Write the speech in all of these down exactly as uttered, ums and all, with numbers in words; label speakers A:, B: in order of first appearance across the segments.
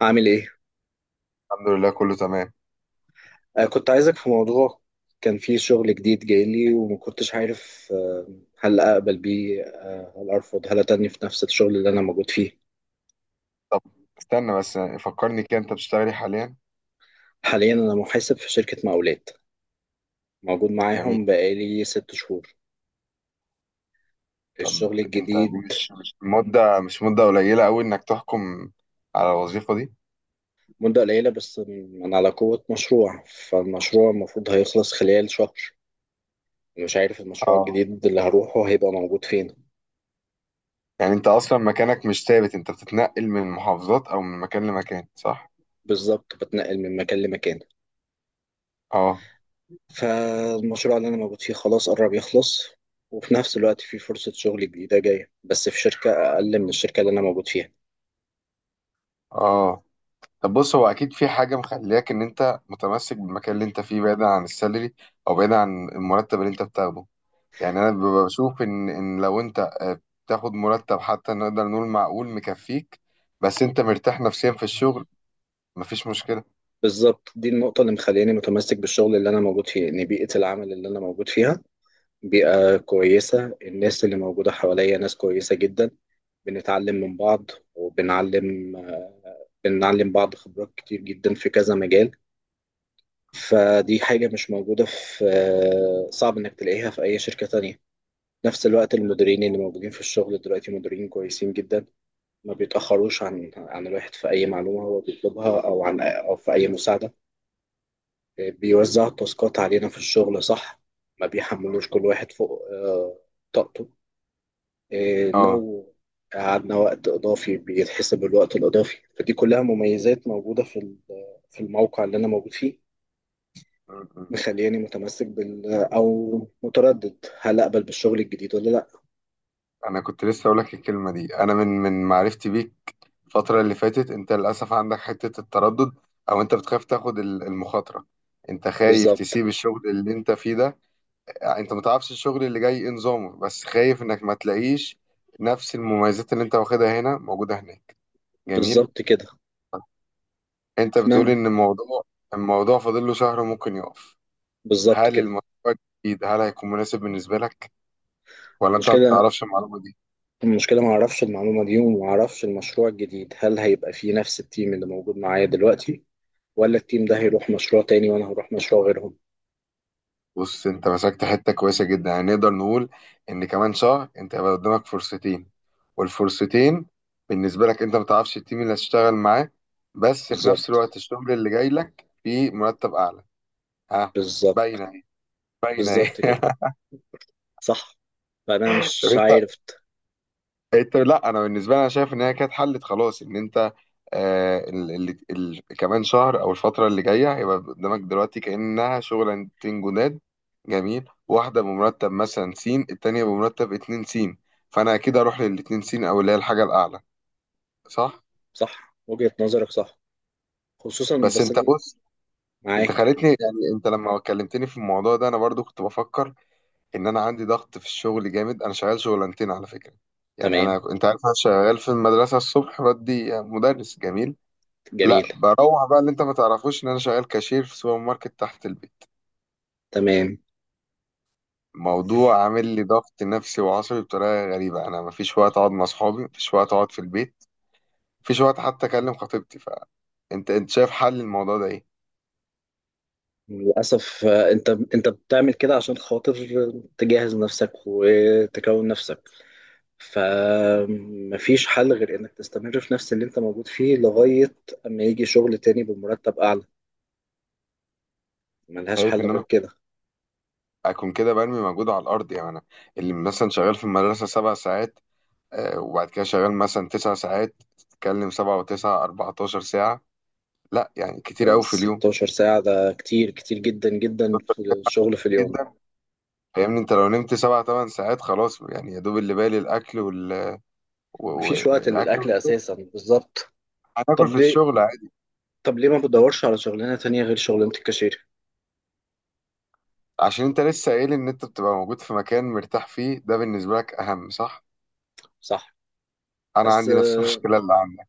A: عامل ايه؟
B: الحمد لله، كله تمام.
A: آه كنت عايزك في موضوع. كان فيه شغل جديد جاي لي وما كنتش عارف، آه هل اقبل بيه، آه هل ارفض، هل اتني في نفس الشغل اللي انا موجود فيه؟
B: طب، استنى بس فكرني كده، انت بتشتغلي حاليا؟
A: حاليا انا محاسب في شركة مقاولات، موجود
B: جميل.
A: معاهم بقالي ست شهور.
B: طب
A: الشغل
B: انت، دي
A: الجديد
B: مش مش مدة مش مدة قليلة قوي انك تحكم على الوظيفة دي؟
A: مدة قليلة، بس من على قوة مشروع. فالمشروع المفروض هيخلص خلال شهر. مش عارف المشروع
B: اه.
A: الجديد اللي هروحه هيبقى موجود فين.
B: يعني انت اصلا مكانك مش ثابت، انت بتتنقل من محافظات او من مكان لمكان، صح؟
A: بالظبط، بتنقل من مكان لمكان.
B: اه،
A: فالمشروع اللي أنا موجود فيه خلاص قرب يخلص، وفي نفس الوقت في فرصة شغل جديدة جاية، بس في شركة أقل من الشركة اللي أنا موجود فيها.
B: اه. طب بص، هو اكيد في حاجة مخلياك ان انت متمسك بالمكان اللي انت فيه، بعيدا عن السالري او بعيدا عن المرتب اللي انت بتاخده. يعني انا ببقى بشوف ان ان لو انت آه، بتاخد مرتب حتى نقدر نقول معقول مكفيك، بس انت مرتاح نفسيا في الشغل، مفيش مشكلة.
A: بالظبط، دي النقطة اللي مخلياني متمسك بالشغل اللي أنا موجود فيه، إن بيئة العمل اللي أنا موجود فيها بيئة كويسة. الناس اللي موجودة حواليا ناس كويسة جدا. بنتعلم من بعض وبنعلم. بنعلم بعض خبرات كتير جدا في كذا مجال. فدي حاجة مش موجودة في، صعب إنك تلاقيها في أي شركة تانية. نفس الوقت، المديرين اللي موجودين في الشغل دلوقتي مديرين كويسين جدا. ما بيتأخروش عن عن الواحد في أي معلومة هو بيطلبها، أو عن أو في أي مساعدة. آه، بيوزع التاسكات علينا في الشغل صح. ما بيحملوش كل واحد فوق آه، طاقته. آه،
B: اه.
A: لو قعدنا وقت إضافي بيتحسب الوقت الإضافي، فدي كلها مميزات موجودة في ال- في الموقع اللي أنا موجود فيه.
B: م- م.
A: مخلياني متمسك بال أو متردد، هل أقبل بالشغل الجديد ولا لأ؟
B: انا كنت لسه اقول لك الكلمة دي. انا من من معرفتي بيك الفترة اللي فاتت، انت للاسف عندك حتة التردد، او انت بتخاف تاخد ال- المخاطرة انت خايف
A: بالظبط.
B: تسيب الشغل اللي انت فيه ده. يعني انت متعرفش الشغل اللي جاي ايه نظامه، بس خايف انك ما تلاقيش نفس المميزات اللي انت واخدها هنا موجودة هناك. جميل.
A: بالظبط كده.
B: انت بتقول
A: نعم.
B: ان الموضوع، الموضوع فاضل له شهر وممكن يقف.
A: بالظبط
B: هل
A: كده.
B: المشروع الجديد هل هيكون مناسب بالنسبه لك، ولا انت ما
A: المشكلة
B: تعرفش المعلومه دي؟
A: المشكلة ما اعرفش المعلومة دي، وما اعرفش المشروع الجديد هل هيبقى فيه نفس التيم اللي موجود معايا دلوقتي، ولا التيم ده هيروح مشروع تاني وانا هروح مشروع غيرهم.
B: بص، انت مسكت حته كويسه جدا، يعني نقدر نقول ان كمان شهر انت هيبقى قدامك فرصتين. والفرصتين بالنسبه لك، انت ما تعرفش التيم اللي هتشتغل معاه، بس في نفس
A: بالظبط.
B: الوقت الشغل اللي جاي لك فيه مرتب اعلى. ها.
A: بالظبط.
B: باينه اهي، باينه اهي.
A: بالظبط كده. صح. فانا
B: طب
A: مش
B: انت
A: عارف.
B: انت لا، انا بالنسبه لي، انا شايف ان هي كانت حلت خلاص، ان انت آه، ال- ال- ال- كمان شهر او الفتره اللي جايه هيبقى قدامك دلوقتي كانها شغلانتين جداد. جميل، واحده بمرتب مثلا س، التانيه بمرتب 2 س، فانا اكيد اروح للاتنين س، او اللي هي الحاجه الاعلى، صح؟
A: صح، وجهة نظرك صح، خصوصا
B: بس
A: بس
B: انت،
A: أنا
B: بص، انت
A: معاك.
B: خليتني يعني انت لما كلمتني في الموضوع ده انا برضو كنت بفكر ان انا عندي ضغط في الشغل جامد. انا شغال شغلانتين على فكره. يعني
A: تمام.
B: انا، انت عارف، انا شغال في المدرسه الصبح بدي مدرس. جميل.
A: جميل.
B: لا، بروح بقى اللي انت ما تعرفوش، ان انا شغال كاشير في سوبر ماركت تحت البيت.
A: تمام.
B: موضوع عامل لي ضغط نفسي وعصبي بطريقه غريبه. انا ما فيش وقت اقعد مع اصحابي، ما فيش وقت اقعد في البيت، ما فيش وقت حتى اكلم خطيبتي. فانت انت شايف حل الموضوع ده ايه؟
A: للأسف آه، انت انت بتعمل كده عشان خاطر تجهز نفسك وتكون نفسك. فمفيش حل غير انك تستمر في نفس اللي انت موجود فيه لغاية اما يجي شغل تاني بمرتب اعلى. ملهاش
B: شايف
A: حل
B: ان
A: غير
B: انا
A: كده.
B: اكون كده برمي مجهود على الارض؟ يعني انا، اللي مثلا شغال في المدرسه سبع ساعات، آه، وبعد كده شغال مثلا تسع ساعات، تتكلم سبعة وتسعة 14 ساعة، لا يعني كتير
A: ده
B: قوي في اليوم.
A: 16 ساعة، ده كتير كتير جدا جدا في الشغل في اليوم.
B: جدا. فاهمني، انت لو نمت سبع تمن ساعات خلاص، يعني يا دوب اللي بالي الاكل،
A: مفيش وقت
B: والاكل
A: للأكل
B: في الشغل.
A: أساسا، بالظبط. طب
B: هتاكل في
A: ليه؟
B: الشغل عادي.
A: طب ليه ما بدورش على شغلانة تانية غير شغلانة الكاشير؟
B: عشان انت لسه قايل ان انت بتبقى موجود في مكان مرتاح فيه، ده بالنسبه لك اهم، صح؟
A: صح.
B: انا
A: بس
B: عندي نفس المشكله اللي عندك.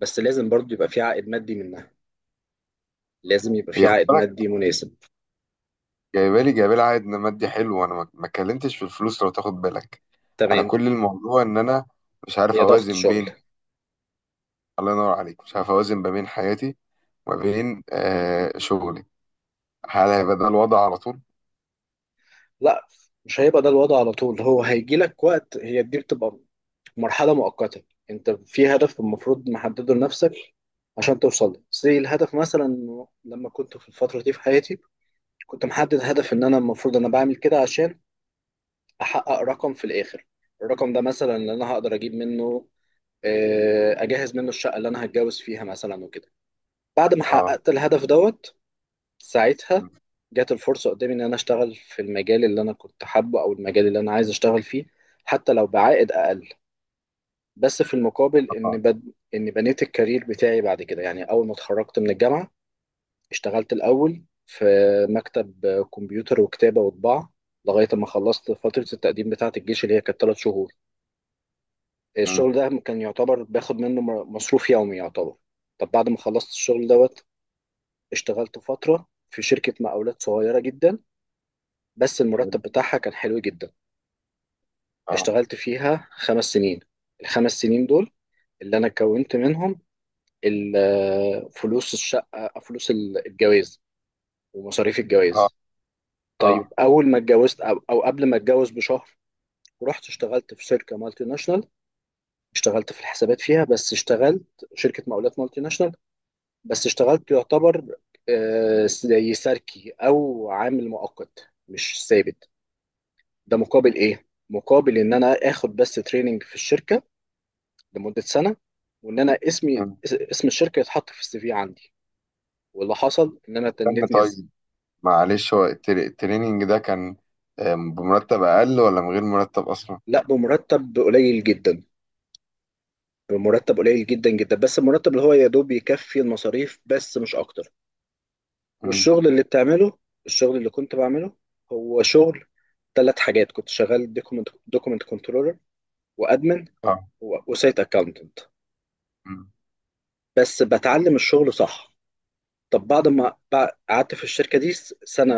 A: بس لازم برضو يبقى في عائد مادي منها. لازم يبقى في
B: هي، خد
A: عائد
B: بالك،
A: مادي مناسب.
B: جايبه لي جايبه لي عائد مادي حلو، وانا ما ما اتكلمتش في الفلوس، لو تاخد بالك. انا
A: تمام.
B: كل الموضوع ان انا مش عارف
A: هي ضغط
B: اوازن
A: شغل.
B: بين، الله ينور عليك، مش عارف اوازن ما بين حياتي وما بين آه شغلي هل هيبقى ده الوضع على طول؟
A: لا، مش هيبقى ده الوضع على طول. هو هيجي لك وقت، هي دي بتبقى مرحلة مؤقتة. انت في هدف المفروض محدده لنفسك عشان توصل له. زي الهدف مثلا، إنه لما كنت في الفترة دي في حياتي كنت محدد هدف ان انا المفروض انا بعمل كده عشان احقق رقم في الاخر. الرقم ده مثلا اللي انا هقدر اجيب منه، آه، اجهز منه الشقة اللي انا هتجوز فيها مثلا وكده. بعد ما
B: اه.
A: حققت الهدف دوت، ساعتها
B: م،.
A: جات الفرصة قدامي ان انا اشتغل في المجال اللي انا كنت حابه او المجال اللي انا عايز اشتغل فيه حتى لو بعائد اقل، بس في المقابل
B: طبعا.
A: ان بد... ان بنيت الكارير بتاعي بعد كده. يعني اول ما اتخرجت من الجامعه، اشتغلت الاول في مكتب كمبيوتر وكتابه وطباعه لغايه ما خلصت فتره التقديم بتاعه الجيش اللي هي كانت ثلاث شهور.
B: م،.
A: الشغل ده كان يعتبر باخد منه م- مصروف يومي يعتبر. طب بعد ما خلصت الشغل دوت، اشتغلت فتره في شركه مقاولات صغيره جدا بس
B: حلو.
A: المرتب بتاعها كان حلو جدا.
B: اه،
A: اشتغلت فيها خمس سنين. الخمس سنين دول اللي انا كونت منهم ال- فلوس الشقة، فلوس ال- الجواز ومصاريف
B: اه،
A: الجواز.
B: اه.
A: طيب أول ما اتجوزت أو, أو قبل ما اتجوز بشهر، رحت اشتغلت في شركة مالتي ناشونال. اشتغلت في الحسابات فيها، بس اشتغلت شركة مقاولات مالتي ناشونال. بس اشتغلت يعتبر آه، زي ساركي أو عامل مؤقت مش ثابت. ده مقابل إيه؟ مقابل إن أنا آخد بس تريننج في الشركة لمدة سنة، وإن أنا اسمي
B: م،.
A: اس- اسم الشركة يتحط في السي في عندي. واللي حصل ان انا
B: استنى
A: تنتني.
B: طيب، معلش، هو التري- التريننج ده كان آه، بمرتب أقل، ولا من غير مرتب أصلا؟
A: لا، بمرتب قليل جدا. بمرتب قليل جدا جدا، بس المرتب اللي هو يا دوب يكفي المصاريف بس مش اكتر.
B: مم.
A: والشغل اللي بتعمله، الشغل اللي كنت بعمله هو شغل ثلاث حاجات. كنت شغال دوكمنت دوكمنت كنترولر وادمن
B: آه.
A: وسايت اكاونتنت.
B: مم.
A: بس بتعلم الشغل صح. طب بعد ما بع- قعدت في الشركة دي س- سنة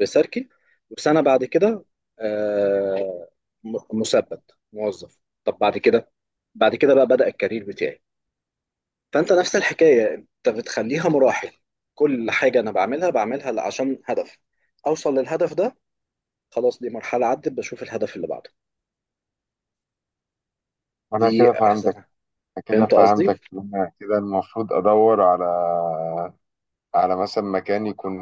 A: ريسيركي، وسنة بعد كده آه، م- مثبت موظف. طب بعد كده، بعد كده بقى بدأ الكارير بتاعي. فانت نفس الحكايه، انت بتخليها مراحل. كل حاجه انا بعملها بعملها عشان هدف اوصل للهدف ده. خلاص دي مرحله عدت، بشوف الهدف اللي بعده.
B: أنا
A: دي
B: كده فهمتك.
A: احسن.
B: كده
A: فهمت قصدي.
B: فهمتك. أنا كده المفروض أدور على، على مثلا مكان يكون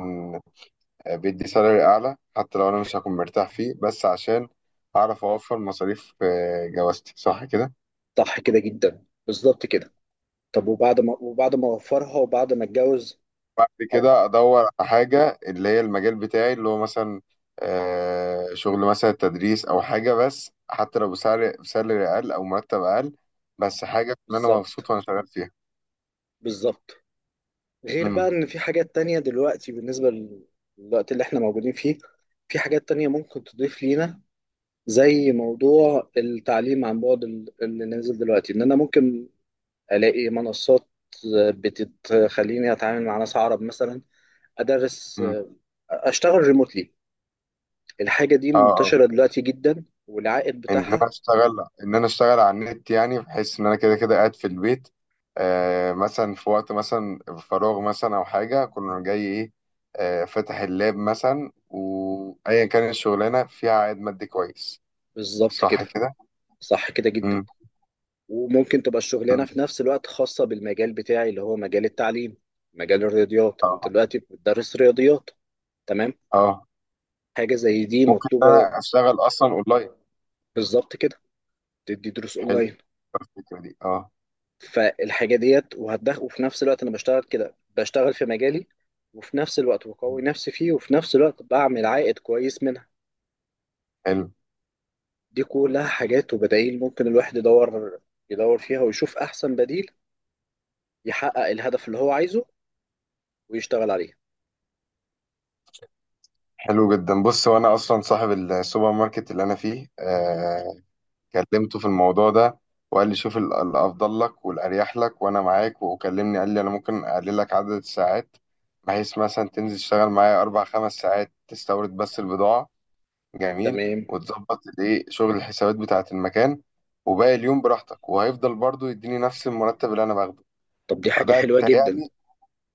B: آه، بيدي سالري أعلى، حتى لو أنا مش هكون مرتاح فيه، بس عشان أعرف أوفر مصاريف آه، جوازتي صح كده؟
A: صح كده جدا، بالظبط كده. طب وبعد ما وبعد ما اوفرها وبعد ما اتجوز،
B: بعد
A: او
B: كده ادور على حاجه اللي هي المجال بتاعي، اللي هو مثلا آه، شغل مثلا تدريس او حاجه، بس حتى لو بسعر، بسالري اقل او مرتب اقل، بس حاجه ان انا
A: بالظبط.
B: مبسوط وانا شغال فيها.
A: بالظبط. غير بقى
B: امم.
A: ان في حاجات تانية دلوقتي بالنسبه للوقت اللي احنا موجودين فيه. في حاجات تانية ممكن تضيف لينا زي موضوع التعليم عن بعد ال- اللي نازل دلوقتي، ان انا ممكن الاقي منصات بتخليني اتعامل مع ناس عرب مثلا. ادرس.
B: امم.
A: اشتغل ريموتلي. الحاجه دي
B: اه، اه.
A: منتشره دلوقتي جدا، والعائد
B: ان انا
A: بتاعها.
B: اشتغل، ان انا اشتغل على النت، يعني بحيث ان انا كده كده قاعد في البيت، آه مثلا في وقت مثلا فراغ مثلا او حاجه كنا جاي ايه، آه فاتح اللاب مثلا، وايا كانت الشغلانه فيها عائد مادي كويس.
A: بالظبط
B: صح
A: كده.
B: كده.
A: صح كده جدا.
B: امم.
A: وممكن تبقى الشغلانه في نفس الوقت خاصه بالمجال بتاعي اللي هو مجال التعليم، مجال الرياضيات. انت
B: اه،
A: دلوقتي بتدرس رياضيات. تمام.
B: اه.
A: حاجه زي دي
B: ممكن
A: مطلوبه.
B: انا اشتغل اصلا اونلاين.
A: بالظبط كده. تدي دروس
B: حلو،
A: اونلاين.
B: الفكره دي، اه.
A: فالحاجه ديت وهتدخل، وفي نفس الوقت انا بشتغل كده، بشتغل في مجالي، وفي نفس الوقت بقوي نفسي فيه، وفي نفس الوقت بعمل عائد كويس منها.
B: حلو.
A: دي كلها حاجات وبدائل ممكن الواحد يدور، يدور فيها ويشوف احسن بديل يحقق الهدف اللي هو عايزه ويشتغل عليه.
B: حلو جدا. بص، هو انا اصلا صاحب السوبر ماركت اللي انا فيه، آه كلمته في الموضوع ده، وقال لي شوف ال- الافضل لك والاريح لك وانا معاك، وكلمني قال لي انا ممكن اقلل لك عدد الساعات، بحيث مثلا تنزل تشتغل معايا اربع خمس ساعات، تستورد بس البضاعه. جميل.
A: تمام.
B: وتظبط الايه شغل الحسابات بتاعه المكان، وباقي اليوم براحتك، وهيفضل برضو يديني نفس المرتب اللي انا باخده.
A: طب دي حاجة
B: فده
A: حلوة جدا.
B: تهيألي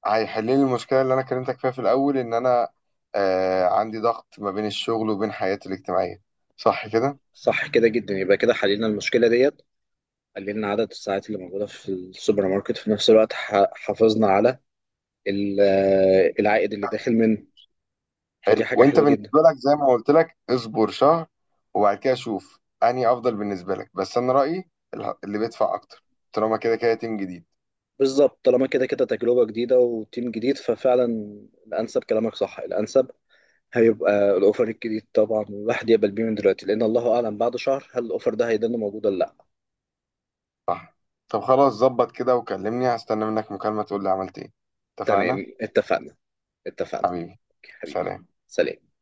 B: هيحل لي المشكله اللي انا كلمتك فيها في الاول، ان انا آه عندي ضغط ما بين الشغل وبين حياتي الاجتماعيه، صح كده؟
A: صح كده جدا، يبقى كده حلينا المشكلة ديت. قللنا عدد الساعات اللي موجودة في السوبر ماركت، في نفس الوقت ح- حافظنا على ال- العائد اللي داخل منه.
B: حلو.
A: فدي حاجة
B: وانت
A: حلوة جدا.
B: بالنسبه لك زي ما قلت لك، اصبر شهر وبعد كده شوف انهي افضل بالنسبه لك، بس انا رايي اله- اللي بيدفع اكتر، طالما كده كده تيم جديد.
A: بالظبط، طالما كده كده تجربة جديدة وتيم جديد، ففعلا الأنسب كلامك صح. الأنسب هيبقى الأوفر الجديد طبعا، والواحد يقبل بيه من دلوقتي، لأن الله أعلم بعد شهر هل الأوفر ده هيضل موجود ولا لأ.
B: طب خلاص، ظبط كده وكلمني، هستنى منك مكالمه تقول لي عملت ايه. اتفقنا؟
A: تمام، اتفقنا. اتفقنا.
B: حبيبي.
A: أوكي، حبيبي.
B: سلام.
A: سلام.